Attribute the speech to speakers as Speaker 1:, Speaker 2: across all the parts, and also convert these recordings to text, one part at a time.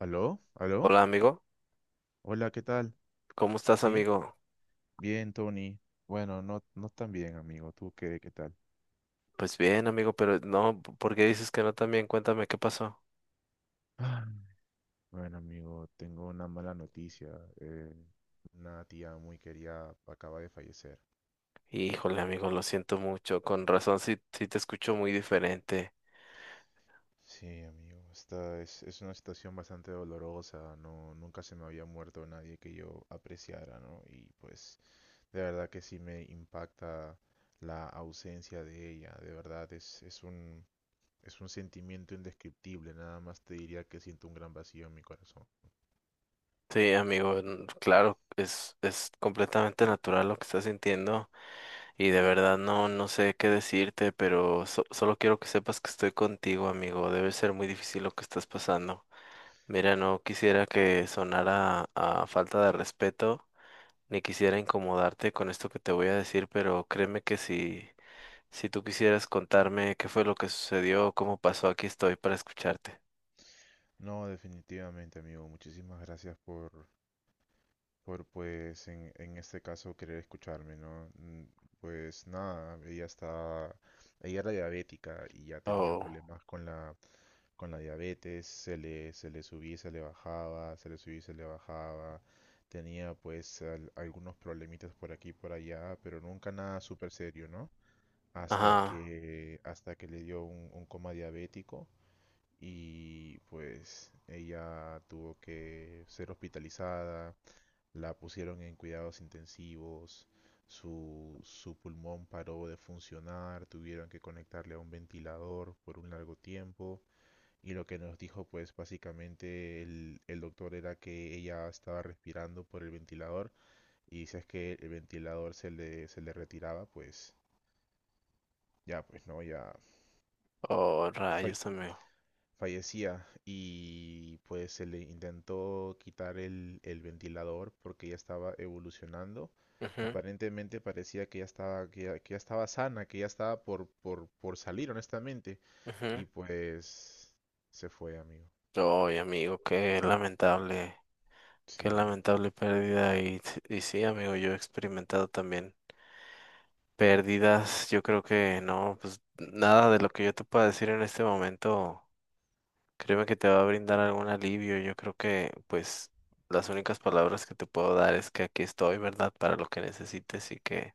Speaker 1: ¿Aló? ¿Aló?
Speaker 2: Hola amigo,
Speaker 1: Hola, ¿qué tal?
Speaker 2: ¿cómo estás
Speaker 1: Sí,
Speaker 2: amigo?
Speaker 1: bien, Tony. Bueno, no, no tan bien, amigo. ¿Tú qué, qué tal?
Speaker 2: Pues bien amigo, pero no, ¿por qué dices que no también? Cuéntame qué pasó.
Speaker 1: Ah, Bueno, amigo, tengo una mala noticia. Eh, una tía muy querida acaba de fallecer.
Speaker 2: Híjole amigo, lo siento mucho, con razón sí, sí te escucho muy diferente.
Speaker 1: Sí, amigo, esta es una situación bastante dolorosa. No, nunca se me había muerto nadie que yo apreciara, ¿no? Y pues, de verdad que sí me impacta la ausencia de ella. De verdad, es un sentimiento indescriptible, nada más te diría que siento un gran vacío en mi corazón.
Speaker 2: Sí amigo, claro, es completamente natural lo que estás sintiendo y de verdad no, no sé qué decirte, pero solo quiero que sepas que estoy contigo amigo, debe ser muy difícil lo que estás pasando. Mira, no quisiera que sonara a falta de respeto ni quisiera incomodarte con esto que te voy a decir, pero créeme que si, si tú quisieras contarme qué fue lo que sucedió, cómo pasó, aquí estoy para escucharte.
Speaker 1: No, definitivamente, amigo, muchísimas gracias por pues, en este caso, querer escucharme, ¿no? Pues nada, ella era diabética y ya tenía
Speaker 2: Oh,
Speaker 1: problemas con la diabetes, se le subía y se le bajaba, se le subía y se le bajaba, tenía pues algunos problemitas por aquí y por allá, pero nunca nada súper serio, ¿no? Hasta
Speaker 2: ajá,
Speaker 1: que, hasta que le dio un coma diabético y pues ella tuvo que ser hospitalizada, la pusieron en cuidados intensivos, su pulmón paró de funcionar, tuvieron que conectarle a un ventilador por un largo tiempo, y lo que nos dijo pues básicamente el doctor era que ella estaba respirando por el ventilador, y si es que el ventilador se le retiraba pues ya pues no, ya
Speaker 2: oh,
Speaker 1: fa-
Speaker 2: rayos, amigo.
Speaker 1: fallecía. Y pues se le intentó quitar el ventilador porque ya estaba evolucionando.
Speaker 2: Ujú,
Speaker 1: Aparentemente parecía que ya estaba sana, que ya estaba por salir, honestamente.
Speaker 2: ujú.
Speaker 1: Y pues se fue, amigo.
Speaker 2: Ay, amigo, qué
Speaker 1: Sí.
Speaker 2: lamentable pérdida. Y, y sí, amigo, yo he experimentado también pérdidas. Yo creo que no, pues nada de lo que yo te pueda decir en este momento créeme que te va a brindar algún alivio. Yo creo que, pues, las únicas palabras que te puedo dar es que aquí estoy, ¿verdad? Para lo que necesites. Y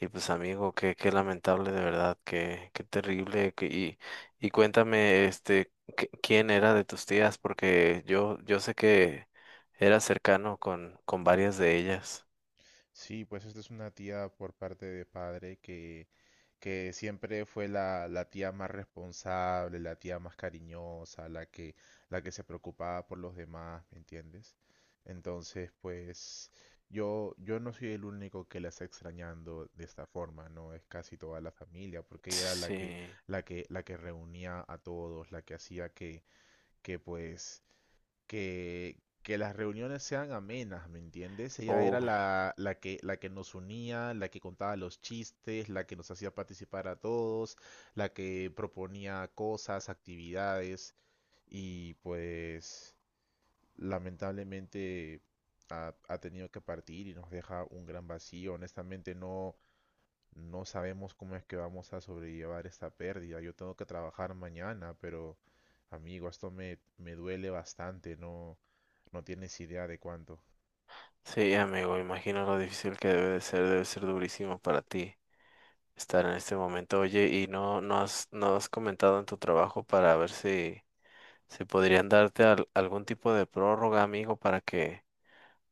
Speaker 2: y pues, amigo, qué, qué lamentable, de verdad, qué, qué terrible. Y, y cuéntame, quién era de tus tías, porque yo sé que eras cercano con varias de ellas.
Speaker 1: Sí, pues esta es una tía por parte de padre que siempre fue la, la tía más responsable, la tía más cariñosa, la que se preocupaba por los demás, ¿me entiendes? Entonces, pues yo no soy el único que la está extrañando de esta forma, ¿no? Es casi toda la familia, porque ella era la que,
Speaker 2: Sí,
Speaker 1: la que, la que reunía a todos, la que hacía que pues que las reuniones sean amenas, ¿me entiendes? Ella era
Speaker 2: uy,
Speaker 1: la, la que nos unía, la que contaba los chistes, la que nos hacía participar a todos, la que proponía cosas, actividades y pues lamentablemente ha, ha tenido que partir y nos deja un gran vacío. Honestamente no, no sabemos cómo es que vamos a sobrellevar esta pérdida. Yo tengo que trabajar mañana, pero amigo, esto me duele bastante. No, no tienes idea de cuánto.
Speaker 2: sí, amigo, imagino lo difícil que debe de ser, debe ser durísimo para ti estar en este momento. Oye, ¿y no, no has, no has comentado en tu trabajo para ver si, si podrían darte algún tipo de prórroga, amigo, para que,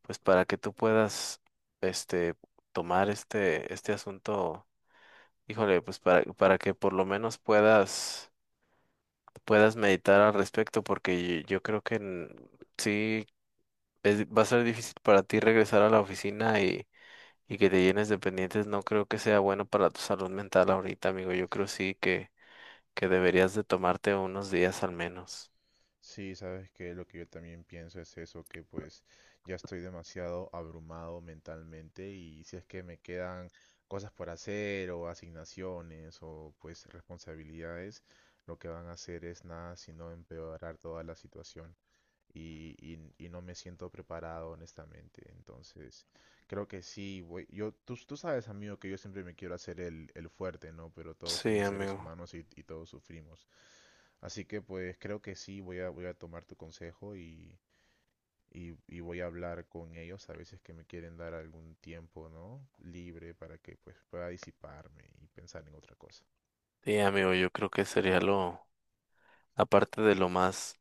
Speaker 2: pues para que tú puedas, este, tomar este, este asunto? Híjole, pues para que por lo menos puedas, puedas meditar al respecto, porque yo creo que sí, va a ser difícil para ti regresar a la oficina. Y que te llenes de pendientes no creo que sea bueno para tu salud mental ahorita, amigo. Yo creo sí que deberías de tomarte unos días al menos.
Speaker 1: Sí, sabes que lo que yo también pienso es eso, que pues ya estoy demasiado abrumado mentalmente, y si es que me quedan cosas por hacer o asignaciones o pues responsabilidades, lo que van a hacer es nada sino empeorar toda la situación. Y no me siento preparado, honestamente. Entonces, creo que sí, yo, tú sabes, amigo, que yo siempre me quiero hacer el fuerte, ¿no? Pero todos
Speaker 2: Sí,
Speaker 1: somos seres
Speaker 2: amigo.
Speaker 1: humanos y todos sufrimos. Así que, pues, creo que sí, voy a tomar tu consejo y voy a hablar con ellos a veces que me quieren dar algún tiempo, ¿no? Libre para que, pues, pueda disiparme y pensar en otra cosa.
Speaker 2: Sí, amigo, yo creo que sería lo, aparte de lo más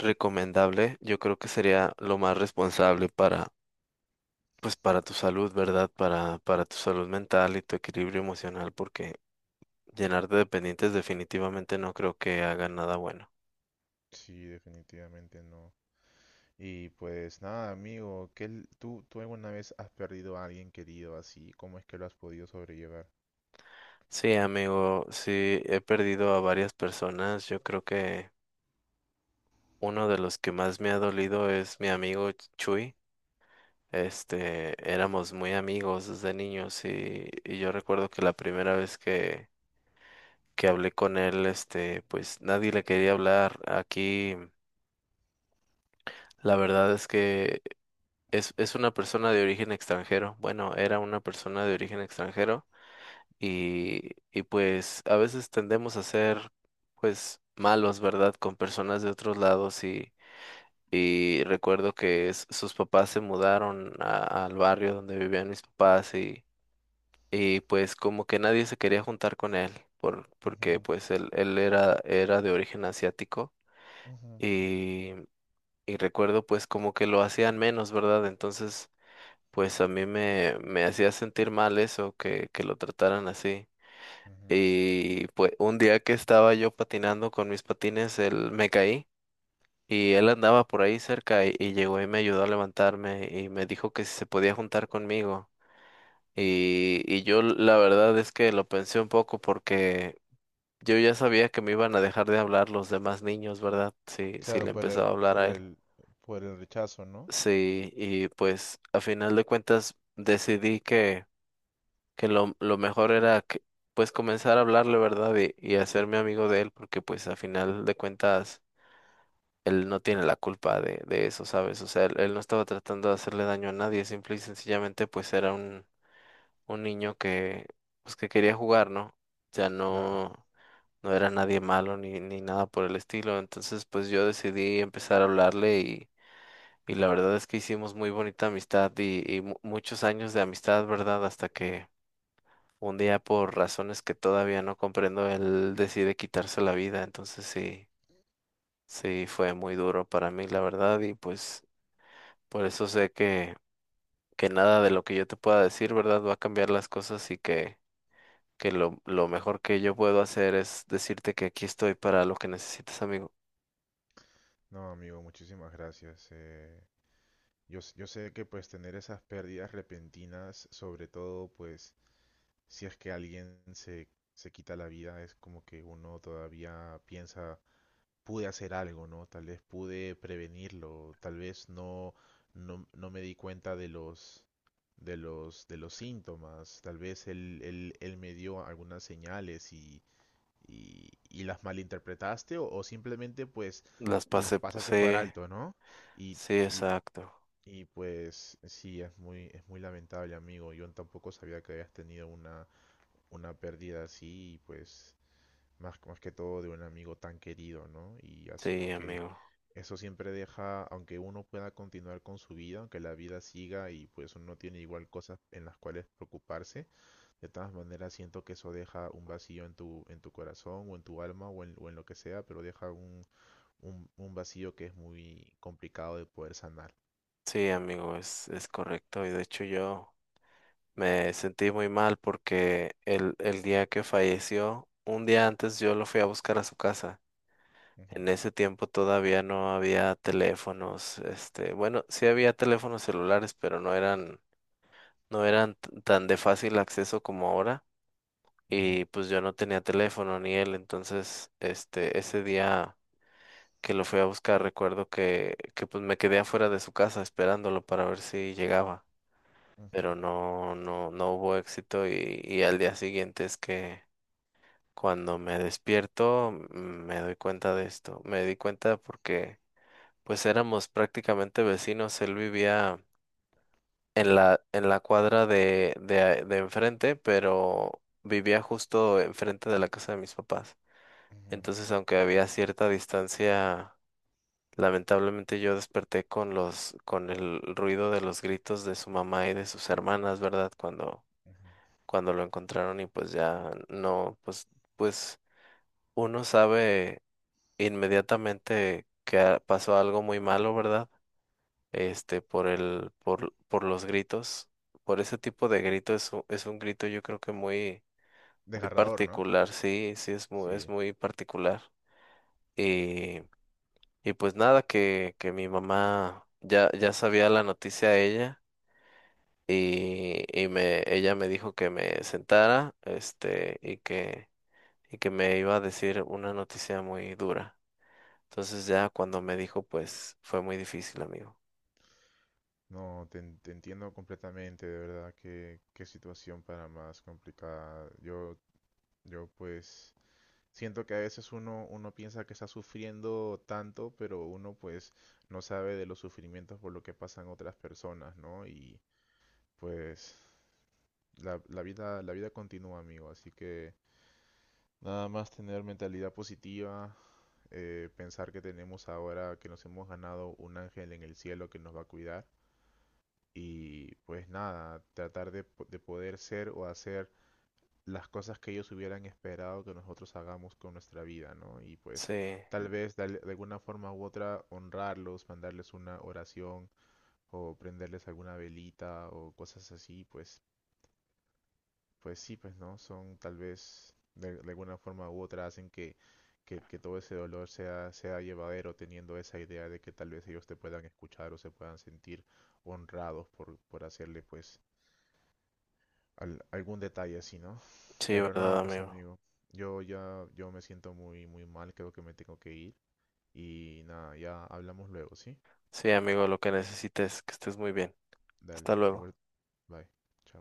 Speaker 2: recomendable, yo creo que sería lo más responsable para, pues para tu salud, ¿verdad? Para tu salud mental y tu equilibrio emocional, porque llenarte de pendientes definitivamente no creo que haga nada bueno.
Speaker 1: Sí, definitivamente no. Y pues nada, amigo, tú, tú alguna vez has perdido a alguien querido así? ¿Cómo es que lo has podido sobrellevar?
Speaker 2: Sí, amigo, sí, he perdido a varias personas. Yo creo que uno de los que más me ha dolido es mi amigo Chuy. Este, éramos muy amigos desde niños. Y, y yo recuerdo que la primera vez que hablé con él, este, pues nadie le quería hablar. Aquí, la verdad es que es una persona de origen extranjero. Bueno, era una persona de origen extranjero. Y, y pues a veces tendemos a ser, pues, malos, ¿verdad? Con personas de otros lados. Y, y recuerdo que sus papás se mudaron al barrio donde vivían mis papás y pues como que nadie se quería juntar con él porque
Speaker 1: Ujú,
Speaker 2: pues él era, era de origen asiático.
Speaker 1: ujú,
Speaker 2: Y, y recuerdo pues como que lo hacían menos, ¿verdad? Entonces pues a mí me, me hacía sentir mal eso, que lo trataran así.
Speaker 1: ujú.
Speaker 2: Y pues un día que estaba yo patinando con mis patines, él me caí y él andaba por ahí cerca y llegó y me ayudó a levantarme y me dijo que si se podía juntar conmigo. Y yo la verdad es que lo pensé un poco porque yo ya sabía que me iban a dejar de hablar los demás niños, ¿verdad? Sí, sí
Speaker 1: Claro,
Speaker 2: le
Speaker 1: por el,
Speaker 2: empezaba a hablar
Speaker 1: por
Speaker 2: a él.
Speaker 1: el, por el rechazo, ¿no?
Speaker 2: Sí, y pues a final de cuentas decidí que lo mejor era que, pues comenzar a hablarle, ¿verdad? Y hacerme amigo de él, porque pues a final de cuentas él no tiene la culpa de eso, ¿sabes? O sea, él no estaba tratando de hacerle daño a nadie, simple y sencillamente pues era un niño que, pues que quería jugar, ¿no? O sea,
Speaker 1: Claro.
Speaker 2: no, no era nadie malo ni, ni nada por el estilo. Entonces, pues yo decidí empezar a hablarle. Y, y la verdad es que hicimos muy bonita amistad y muchos años de amistad, ¿verdad? Hasta que un día, por razones que todavía no comprendo, él decide quitarse la vida. Entonces, sí, sí, fue muy duro para mí, la verdad, y pues por eso sé que nada de lo que yo te pueda decir, ¿verdad? Va a cambiar las cosas. Y que… que lo mejor que yo puedo hacer es decirte que aquí estoy para lo que necesites, amigo.
Speaker 1: No, amigo, muchísimas gracias. Yo, yo sé que pues tener esas pérdidas repentinas, sobre todo pues si es que alguien se, se quita la vida, es como que uno todavía piensa, pude hacer algo, ¿no? Tal vez pude prevenirlo, tal vez no, no, no me di cuenta de los, de los, de los síntomas, tal vez él, él, él me dio algunas señales y las malinterpretaste o simplemente pues
Speaker 2: Las
Speaker 1: las
Speaker 2: pasé,
Speaker 1: pasaste por
Speaker 2: sí,
Speaker 1: alto, ¿no? Y,
Speaker 2: sí,
Speaker 1: y,
Speaker 2: exacto.
Speaker 1: y pues sí, es muy lamentable, amigo. Yo tampoco sabía que habías tenido una pérdida así y pues más, más que todo de un amigo tan querido, ¿no? Y
Speaker 2: Sí,
Speaker 1: asumo que
Speaker 2: amigo.
Speaker 1: eso siempre deja, aunque uno pueda continuar con su vida, aunque la vida siga y pues uno tiene igual cosas en las cuales preocuparse, de todas maneras siento que eso deja un vacío en tu corazón o en tu alma o en lo que sea, pero deja un vacío que es muy complicado de poder sanar.
Speaker 2: Sí, amigo, es correcto. Y de hecho yo me sentí muy mal porque el día que falleció, un día antes yo lo fui a buscar a su casa. En
Speaker 1: Ujú,
Speaker 2: ese tiempo todavía no había teléfonos, este, bueno, sí había teléfonos celulares, pero no eran, no eran tan de fácil acceso como ahora.
Speaker 1: ujú,
Speaker 2: Y pues yo no tenía teléfono ni él, entonces, este, ese día que lo fui a buscar, recuerdo que pues me quedé afuera de su casa esperándolo para ver si llegaba,
Speaker 1: ujú,
Speaker 2: pero no, no, no hubo éxito. Y, y al día siguiente es que cuando me despierto me doy cuenta de esto, me di cuenta porque pues éramos prácticamente vecinos, él vivía en la cuadra de, de enfrente, pero vivía justo enfrente de la casa de mis papás.
Speaker 1: ujú,
Speaker 2: Entonces, aunque había cierta distancia, lamentablemente yo desperté con los, con el ruido de los gritos de su mamá y de sus hermanas, ¿verdad? Cuando,
Speaker 1: ujú.
Speaker 2: cuando lo encontraron y pues ya no, pues, pues uno sabe inmediatamente que pasó algo muy malo, ¿verdad? Este, por el, por los gritos, por ese tipo de grito es un grito yo creo que muy, muy
Speaker 1: Desgarrador, ¿no?
Speaker 2: particular, sí, sí es
Speaker 1: Sí.
Speaker 2: muy particular. Y pues nada, que mi mamá ya, ya sabía la noticia ella. Y, y me, ella me dijo que me sentara, este, y que me iba a decir una noticia muy dura. Entonces ya cuando me dijo, pues fue muy difícil, amigo.
Speaker 1: No, te, te entiendo completamente, de verdad, qué, qué situación para más complicada. Yo pues siento que a veces uno, uno piensa que está sufriendo tanto, pero uno pues no sabe de los sufrimientos por lo que pasan otras personas, ¿no? Y pues la, la vida continúa, amigo, así que nada más tener mentalidad positiva, pensar que tenemos ahora, que nos hemos ganado un ángel en el cielo que nos va a cuidar, y pues nada, tratar de, de poder ser o hacer las cosas que ellos hubieran esperado que nosotros hagamos con nuestra vida, ¿no? Y pues
Speaker 2: Sí,
Speaker 1: tal vez de, de alguna forma u otra honrarlos, mandarles una oración o prenderles alguna velita o cosas así, pues, pues sí, pues no, son tal vez de alguna forma u otra hacen que todo ese dolor sea, sea llevadero teniendo esa idea de que tal vez ellos te puedan escuchar o se puedan sentir honrados por hacerle pues algún detalle así, ¿no?
Speaker 2: sí,
Speaker 1: Pero
Speaker 2: verdad,
Speaker 1: nada, pues
Speaker 2: amigo.
Speaker 1: amigo, yo ya yo me siento muy muy mal, creo que me tengo que ir, y nada, ya hablamos luego, ¿sí?
Speaker 2: Sí, amigo, lo que necesites, que estés muy bien. Hasta
Speaker 1: Dale,
Speaker 2: luego.
Speaker 1: igual, bye. Chao.